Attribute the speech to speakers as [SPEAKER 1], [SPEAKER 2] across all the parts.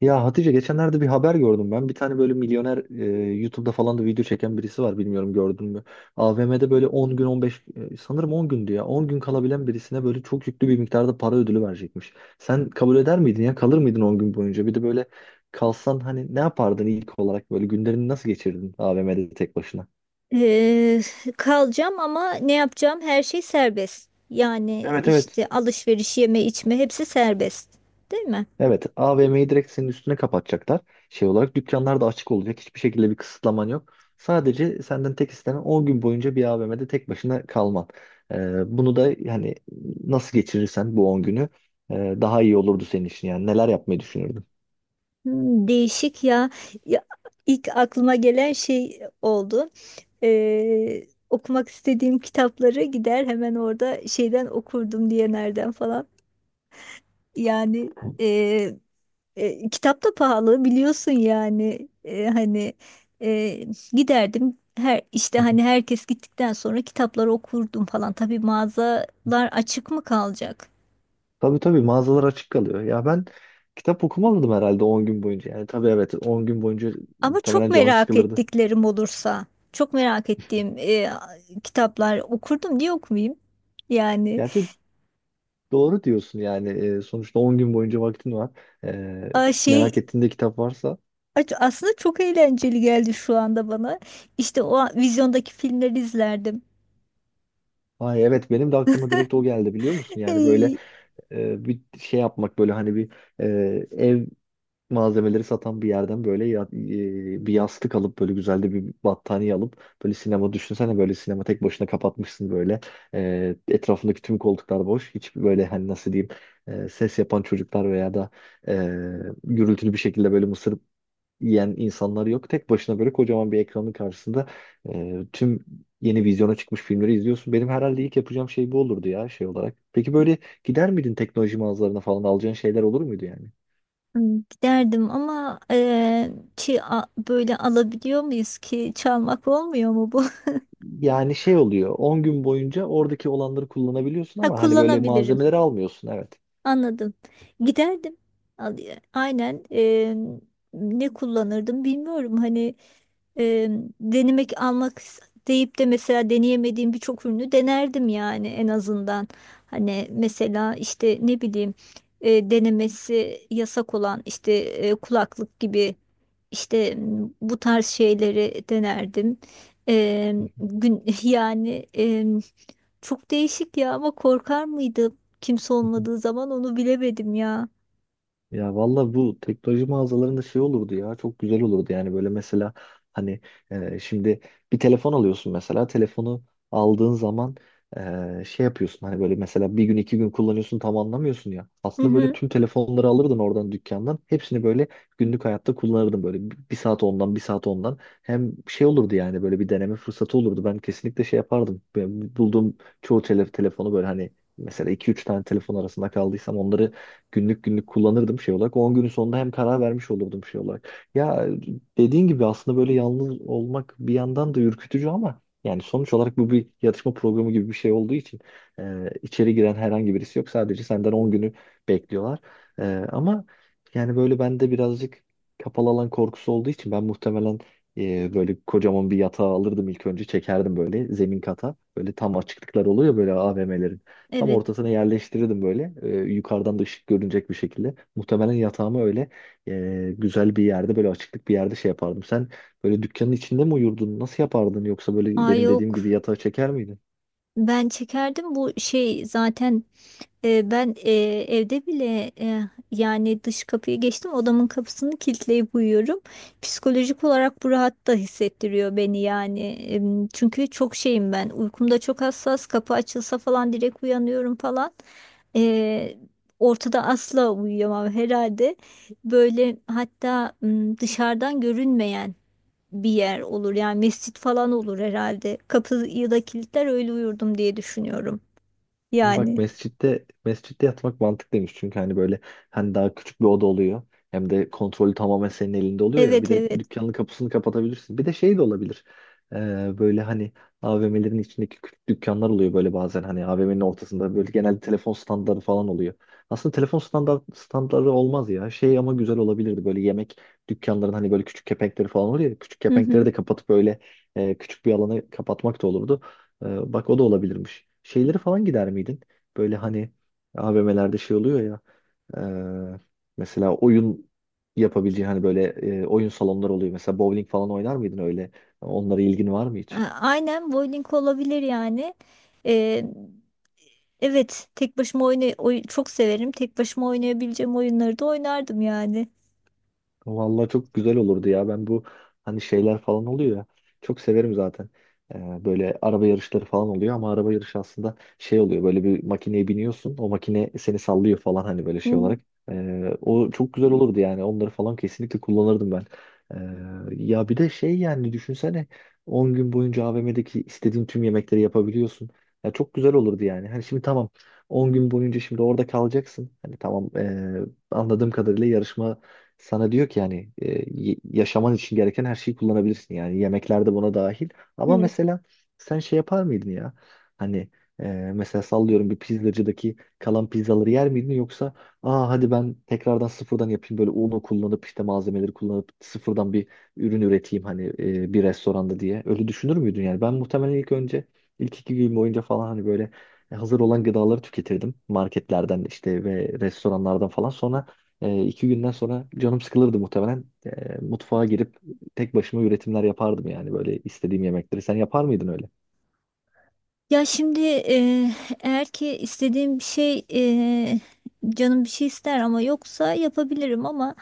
[SPEAKER 1] Ya Hatice, geçenlerde bir haber gördüm ben. Bir tane böyle milyoner, YouTube'da falan da video çeken birisi var, bilmiyorum, gördün mü? AVM'de böyle 10 gün 15, sanırım 10 gündü ya. 10 gün kalabilen birisine böyle çok yüklü bir miktarda para ödülü verecekmiş. Sen kabul eder miydin ya? Kalır mıydın 10 gün boyunca? Bir de böyle kalsan hani ne yapardın ilk olarak, böyle günlerini nasıl geçirdin AVM'de tek başına?
[SPEAKER 2] Eee, kalacağım ama ne yapacağım? Her şey serbest. Yani
[SPEAKER 1] Evet, evet.
[SPEAKER 2] işte alışveriş, yeme, içme hepsi serbest. Değil mi?
[SPEAKER 1] Evet, AVM'yi direkt senin üstüne kapatacaklar. Şey olarak dükkanlar da açık olacak. Hiçbir şekilde bir kısıtlaman yok. Sadece senden tek istenen 10 gün boyunca bir AVM'de tek başına kalman. Bunu da yani nasıl geçirirsen bu 10 günü daha iyi olurdu senin için. Yani neler yapmayı düşünürdün?
[SPEAKER 2] Hmm, değişik ya. Ya ilk aklıma gelen şey oldu. Okumak istediğim kitapları gider hemen orada şeyden okurdum diye nereden falan. Yani
[SPEAKER 1] Hı
[SPEAKER 2] Kitap da pahalı biliyorsun yani. Hani e, giderdim, her işte
[SPEAKER 1] hı.
[SPEAKER 2] hani herkes gittikten sonra kitapları okurdum falan. Tabii mağazalar açık mı kalacak?
[SPEAKER 1] Tabii tabii, mağazalar açık kalıyor. Ya ben kitap okumalıydım herhalde 10 gün boyunca. Yani tabii, evet, 10 gün boyunca
[SPEAKER 2] Ama çok
[SPEAKER 1] muhtemelen canım
[SPEAKER 2] merak
[SPEAKER 1] sıkılırdı.
[SPEAKER 2] ettiklerim olursa, çok merak ettiğim kitaplar, okurdum diye okumayayım yani.
[SPEAKER 1] Gerçi doğru diyorsun yani. Sonuçta 10 gün boyunca vaktin var. Ee,
[SPEAKER 2] a,
[SPEAKER 1] Merak
[SPEAKER 2] şey
[SPEAKER 1] ettiğinde kitap varsa.
[SPEAKER 2] a- aslında çok eğlenceli geldi şu anda bana. İşte o vizyondaki filmleri izlerdim.
[SPEAKER 1] Ay evet, benim de aklıma direkt o geldi, biliyor musun? Yani böyle bir şey yapmak, böyle hani bir e, ev malzemeleri satan bir yerden böyle, bir yastık alıp, böyle güzel de bir battaniye alıp, böyle sinema, düşünsene, böyle sinema tek başına kapatmışsın böyle. Etrafındaki tüm koltuklar boş, hiç böyle, hani nasıl diyeyim, ses yapan çocuklar veya da e, gürültülü bir şekilde böyle mısır yiyen insanlar yok. Tek başına böyle kocaman bir ekranın karşısında tüm yeni vizyona çıkmış filmleri izliyorsun. Benim herhalde ilk yapacağım şey bu olurdu ya, şey olarak. Peki böyle gider miydin teknoloji mağazalarına falan, alacağın şeyler olur muydu yani?
[SPEAKER 2] Hmm, giderdim ama böyle, alabiliyor muyuz ki? Çalmak olmuyor mu bu?
[SPEAKER 1] Yani şey oluyor, 10 gün boyunca oradaki olanları kullanabiliyorsun
[SPEAKER 2] Ha,
[SPEAKER 1] ama hani böyle
[SPEAKER 2] kullanabilirim.
[SPEAKER 1] malzemeleri almıyorsun, evet.
[SPEAKER 2] Anladım. Giderdim. Aynen. Ne kullanırdım bilmiyorum. Hani eee, denemek, deyip de mesela deneyemediğim birçok ürünü denerdim yani, en azından. Hani mesela işte ne bileyim, denemesi yasak olan işte, kulaklık gibi işte, bu tarz şeyleri denerdim. Gün Yani çok değişik ya, ama korkar mıydım? Kimse olmadığı zaman onu bilemedim ya.
[SPEAKER 1] Ya valla bu teknoloji mağazalarında şey olurdu ya, çok güzel olurdu yani. Böyle mesela hani, şimdi bir telefon alıyorsun mesela, telefonu aldığın zaman şey yapıyorsun, hani böyle mesela bir gün iki gün kullanıyorsun, tam anlamıyorsun ya
[SPEAKER 2] Hı
[SPEAKER 1] aslında. Böyle
[SPEAKER 2] hı,
[SPEAKER 1] tüm telefonları alırdın oradan, dükkandan hepsini böyle günlük hayatta kullanırdın, böyle bir saat ondan, bir saat ondan, hem şey olurdu yani. Böyle bir deneme fırsatı olurdu, ben kesinlikle şey yapardım. Ben bulduğum çoğu telefonu, böyle hani mesela iki üç tane telefon arasında kaldıysam onları günlük günlük kullanırdım, şey olarak. On günün sonunda hem karar vermiş olurdum, şey olarak. Ya, dediğin gibi aslında böyle yalnız olmak bir yandan da ürkütücü, ama yani sonuç olarak bu bir yatışma programı gibi bir şey olduğu için içeri giren herhangi birisi yok. Sadece senden 10 günü bekliyorlar. E, Ama yani, böyle bende birazcık kapalı alan korkusu olduğu için ben muhtemelen böyle kocaman bir yatağı alırdım ilk önce, çekerdim böyle zemin kata. Böyle tam açıklıklar oluyor böyle a V m'lerin tam
[SPEAKER 2] evet.
[SPEAKER 1] ortasına, yerleştirirdim böyle. Yukarıdan da ışık görünecek bir şekilde. Muhtemelen yatağımı öyle güzel bir yerde, böyle açıklık bir yerde şey yapardım. Sen böyle dükkanın içinde mi uyurdun? Nasıl yapardın? Yoksa böyle
[SPEAKER 2] Aa,
[SPEAKER 1] benim
[SPEAKER 2] yok.
[SPEAKER 1] dediğim gibi yatağa çeker miydin?
[SPEAKER 2] Ben çekerdim bu şey zaten, ben evde bile, yani dış kapıyı geçtim, odamın kapısını kilitleyip uyuyorum. Psikolojik olarak bu rahat da hissettiriyor beni yani. Çünkü çok şeyim ben. Uykumda çok hassas. Kapı açılsa falan direkt uyanıyorum falan. E, ortada asla uyuyamam herhalde. Böyle hatta dışarıdan görünmeyen bir yer olur. Yani mescit falan olur herhalde. Kapıyı da kilitler öyle uyurdum diye düşünüyorum.
[SPEAKER 1] Bak,
[SPEAKER 2] Yani
[SPEAKER 1] mescitte mescitte yatmak mantıklıymış, çünkü hani böyle, hani daha küçük bir oda oluyor. Hem de kontrolü tamamen senin elinde oluyor ya. Bir
[SPEAKER 2] evet,
[SPEAKER 1] de
[SPEAKER 2] evet.
[SPEAKER 1] dükkanın kapısını kapatabilirsin. Bir de şey de olabilir. Böyle hani AVM'lerin içindeki küçük dükkanlar oluyor böyle, bazen hani AVM'nin ortasında böyle genelde telefon standları falan oluyor. Aslında telefon standları olmaz ya. Şey, ama güzel olabilirdi böyle, yemek dükkanların hani böyle küçük kepenkleri falan oluyor ya. Küçük
[SPEAKER 2] Hı
[SPEAKER 1] kepenkleri
[SPEAKER 2] hı.
[SPEAKER 1] de kapatıp böyle küçük bir alanı kapatmak da olurdu. Bak, o da olabilirmiş. Şeyleri falan gider miydin? Böyle hani AVM'lerde şey oluyor ya. e, Mesela oyun yapabileceğin, hani böyle oyun salonları oluyor. Mesela bowling falan oynar mıydın öyle? Onlara ilgin var mı
[SPEAKER 2] A-
[SPEAKER 1] hiç?
[SPEAKER 2] Aynen bowling olabilir yani. Ee, evet, tek başıma çok severim. Tek başıma oynayabileceğim oyunları da oynardım yani.
[SPEAKER 1] Vallahi çok güzel olurdu ya. Ben bu, hani şeyler falan oluyor ya. Çok severim zaten. Böyle araba yarışları falan oluyor, ama araba yarışı aslında şey oluyor. Böyle bir makineye biniyorsun. O makine seni sallıyor falan, hani böyle
[SPEAKER 2] Hı
[SPEAKER 1] şey
[SPEAKER 2] hı.
[SPEAKER 1] olarak. O çok güzel olurdu yani. Onları falan kesinlikle kullanırdım ben. Ya bir de şey, yani düşünsene, 10 gün boyunca AVM'deki istediğin tüm yemekleri yapabiliyorsun. Ya çok güzel olurdu yani. Hani şimdi tamam, 10 gün boyunca şimdi orada kalacaksın. Hani tamam, anladığım kadarıyla yarışma sana diyor ki yani, yaşaman için gereken her şeyi kullanabilirsin, yani yemekler de buna dahil. Ama
[SPEAKER 2] Evet.
[SPEAKER 1] mesela sen şey yapar mıydın ya? Hani e, mesela sallıyorum, bir pizzacıdaki kalan pizzaları yer miydin, yoksa aa, hadi ben tekrardan sıfırdan yapayım, böyle unu kullanıp, işte malzemeleri kullanıp sıfırdan bir ürün üreteyim, hani bir restoranda diye. Öyle düşünür müydün yani? Ben muhtemelen ilk önce, ilk iki gün boyunca falan, hani böyle hazır olan gıdaları tüketirdim, marketlerden işte ve restoranlardan falan. Sonra iki günden sonra canım sıkılırdı muhtemelen. Mutfağa girip tek başıma üretimler yapardım yani, böyle istediğim yemekleri. Sen yapar mıydın öyle?
[SPEAKER 2] Ya şimdi eğer ki istediğim bir şey, canım bir şey ister ama yoksa yapabilirim, ama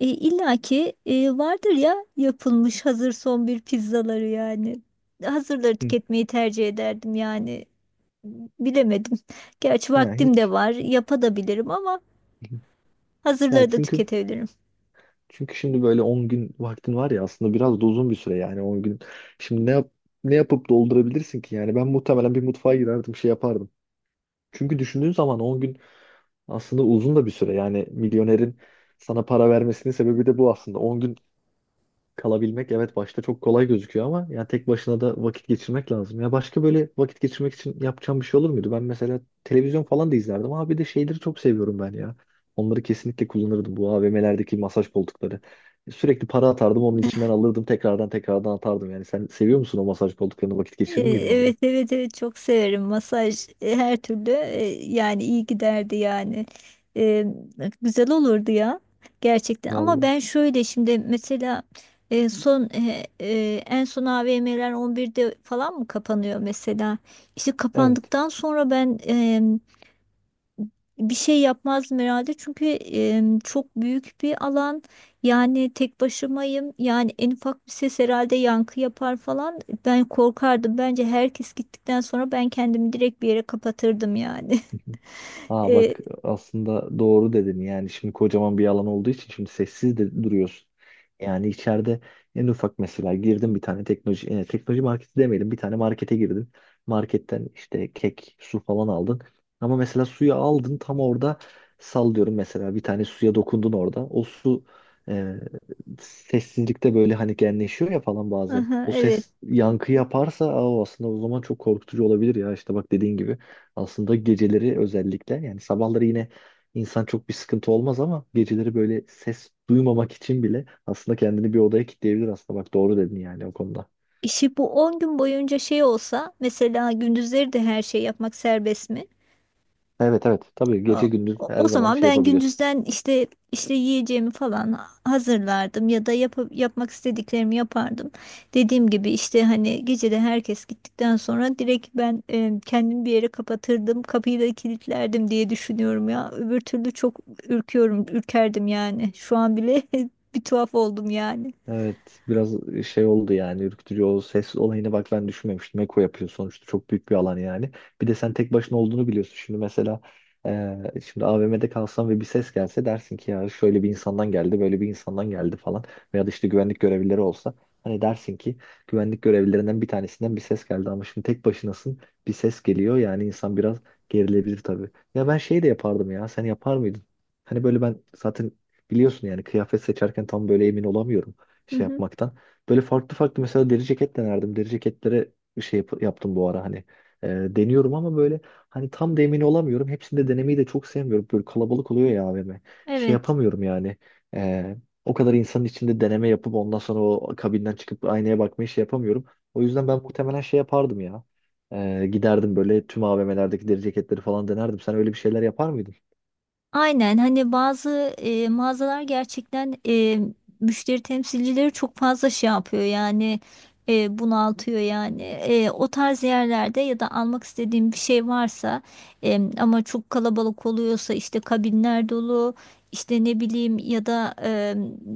[SPEAKER 2] illaki vardır ya, yapılmış hazır son bir pizzaları yani. Hazırları
[SPEAKER 1] Hı.
[SPEAKER 2] tüketmeyi tercih ederdim yani. Bilemedim. Gerçi
[SPEAKER 1] Ha,
[SPEAKER 2] vaktim de
[SPEAKER 1] hiç.
[SPEAKER 2] var, yapabilirim ama
[SPEAKER 1] Ya
[SPEAKER 2] hazırları da
[SPEAKER 1] çünkü,
[SPEAKER 2] tüketebilirim.
[SPEAKER 1] şimdi böyle 10 gün vaktin var ya, aslında biraz da uzun bir süre yani, 10 gün. Şimdi ne yapıp doldurabilirsin ki yani? Ben muhtemelen bir mutfağa girerdim, şey yapardım. Çünkü düşündüğün zaman 10 gün aslında uzun da bir süre yani. Milyonerin sana para vermesinin sebebi de bu aslında. On gün kalabilmek, evet, başta çok kolay gözüküyor ama yani tek başına da vakit geçirmek lazım. Ya, başka böyle vakit geçirmek için yapacağım bir şey olur muydu? Ben mesela televizyon falan da izlerdim, ama bir de şeyleri çok seviyorum ben ya. Onları kesinlikle kullanırdım, bu AVM'lerdeki masaj koltukları. Sürekli para atardım, onun içinden alırdım, tekrardan tekrardan atardım. Yani sen seviyor musun o masaj koltuklarını, vakit
[SPEAKER 2] E,
[SPEAKER 1] geçirir miydin orada?
[SPEAKER 2] Evet evet, evet, çok severim masaj, her türlü. Yani iyi giderdi yani. E, güzel olurdu ya gerçekten, ama
[SPEAKER 1] Vallahi.
[SPEAKER 2] ben şöyle şimdi mesela son, en son AVM'ler 11'de falan mı kapanıyor mesela? İşte
[SPEAKER 1] Evet.
[SPEAKER 2] kapandıktan sonra ben bir şey yapmazdım herhalde, çünkü çok büyük bir alan, yani tek başımayım yani, en ufak bir ses herhalde yankı yapar falan, ben korkardım bence. Herkes gittikten sonra ben kendimi direkt bir yere kapatırdım yani.
[SPEAKER 1] Aa
[SPEAKER 2] E,
[SPEAKER 1] bak, aslında doğru dedin. Yani şimdi kocaman bir alan olduğu için, şimdi sessiz de duruyorsun. Yani içeride en ufak, mesela girdim, bir tane teknoloji, marketi demeyelim, bir tane markete girdin. Marketten işte kek, su falan aldın. Ama mesela suyu aldın, tam orada sallıyorum mesela, bir tane suya dokundun orada. O su e, sessizlikte böyle hani genleşiyor ya falan bazen.
[SPEAKER 2] aha,
[SPEAKER 1] O
[SPEAKER 2] evet.
[SPEAKER 1] ses yankı yaparsa, aa, o aslında o zaman çok korkutucu olabilir ya, işte bak dediğin gibi. Aslında geceleri özellikle, yani sabahları yine insan çok bir sıkıntı olmaz, ama geceleri böyle ses duymamak için bile aslında kendini bir odaya kilitleyebilir aslında. Bak, doğru dedin yani, o konuda.
[SPEAKER 2] işi bu 10 gün boyunca şey olsa, mesela gündüzleri de her şey yapmak serbest mi?
[SPEAKER 1] Evet evet, tabii
[SPEAKER 2] O,
[SPEAKER 1] gece gündüz her
[SPEAKER 2] o
[SPEAKER 1] zaman
[SPEAKER 2] zaman
[SPEAKER 1] şey
[SPEAKER 2] ben
[SPEAKER 1] yapabiliyorsun.
[SPEAKER 2] gündüzden işte, yiyeceğimi falan hazırlardım ya da yapmak istediklerimi yapardım. Dediğim gibi işte, hani gecede herkes gittikten sonra direkt ben kendimi bir yere kapatırdım. Kapıyı da kilitlerdim diye düşünüyorum ya. Öbür türlü çok ürküyorum, ürkerdim yani. Şu an bile bir tuhaf oldum yani.
[SPEAKER 1] Evet, biraz şey oldu yani, ürkütücü. O ses olayına bak, ben düşünmemiştim. Eko yapıyor sonuçta, çok büyük bir alan yani. Bir de sen tek başına olduğunu biliyorsun. Şimdi mesela, şimdi AVM'de kalsan ve bir ses gelse, dersin ki ya, şöyle bir insandan geldi, böyle bir insandan geldi falan. Veya da işte güvenlik görevlileri olsa, hani dersin ki güvenlik görevlilerinden bir tanesinden bir ses geldi. Ama şimdi tek başınasın, bir ses geliyor yani, insan biraz gerilebilir tabii. Ya ben şey de yapardım ya, sen yapar mıydın? Hani böyle ben zaten, biliyorsun yani, kıyafet seçerken tam böyle emin olamıyorum
[SPEAKER 2] Hı
[SPEAKER 1] şey
[SPEAKER 2] hı.
[SPEAKER 1] yapmaktan. Böyle farklı farklı mesela deri ceket denerdim. Deri ceketlere yaptım bu ara hani. E, Deniyorum ama, böyle hani tam da emin olamıyorum. Hepsini de denemeyi de çok sevmiyorum. Böyle kalabalık oluyor ya AVM. Şey
[SPEAKER 2] Evet.
[SPEAKER 1] yapamıyorum yani. E, O kadar insanın içinde deneme yapıp ondan sonra o kabinden çıkıp aynaya bakmayı şey yapamıyorum. O yüzden ben muhtemelen şey yapardım ya. Giderdim, böyle tüm AVM'lerdeki deri ceketleri falan denerdim. Sen öyle bir şeyler yapar mıydın?
[SPEAKER 2] Aynen, hani bazı mağazalar gerçekten, müşteri temsilcileri çok fazla şey yapıyor yani, bunaltıyor yani. O tarz yerlerde ya da almak istediğim bir şey varsa, ama çok kalabalık oluyorsa, işte kabinler dolu, işte ne bileyim ya da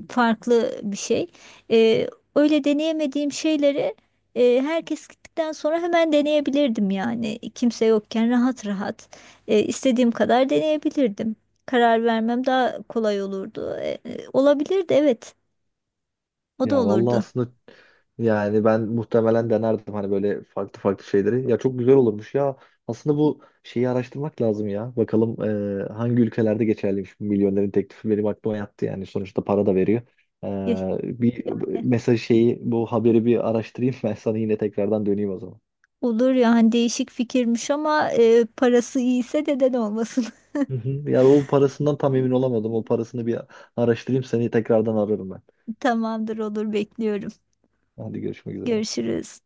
[SPEAKER 2] farklı bir şey. E, öyle deneyemediğim şeyleri herkes gittikten sonra hemen deneyebilirdim yani, kimse yokken rahat rahat istediğim kadar deneyebilirdim, karar vermem daha kolay olurdu. Olabilirdi evet. O da
[SPEAKER 1] Ya vallahi,
[SPEAKER 2] olurdu.
[SPEAKER 1] aslında yani ben muhtemelen denerdim, hani böyle farklı farklı şeyleri. Ya, çok güzel olurmuş ya. Aslında bu şeyi araştırmak lazım ya. Bakalım hangi ülkelerde geçerliymiş bu milyonerin teklifi, benim aklıma yattı yani. Sonuçta para da veriyor.
[SPEAKER 2] Ya-
[SPEAKER 1] Bir
[SPEAKER 2] Yani
[SPEAKER 1] mesaj şeyi, bu haberi bir araştırayım ben, sana yine tekrardan döneyim o zaman.
[SPEAKER 2] olur ya, hani değişik fikirmiş ama parası iyiyse neden olmasın.
[SPEAKER 1] Hı hı. Ya, o parasından tam emin olamadım. O parasını bir araştırayım, seni tekrardan ararım ben.
[SPEAKER 2] Tamamdır, olur, bekliyorum.
[SPEAKER 1] Hadi görüşmek üzere.
[SPEAKER 2] Görüşürüz.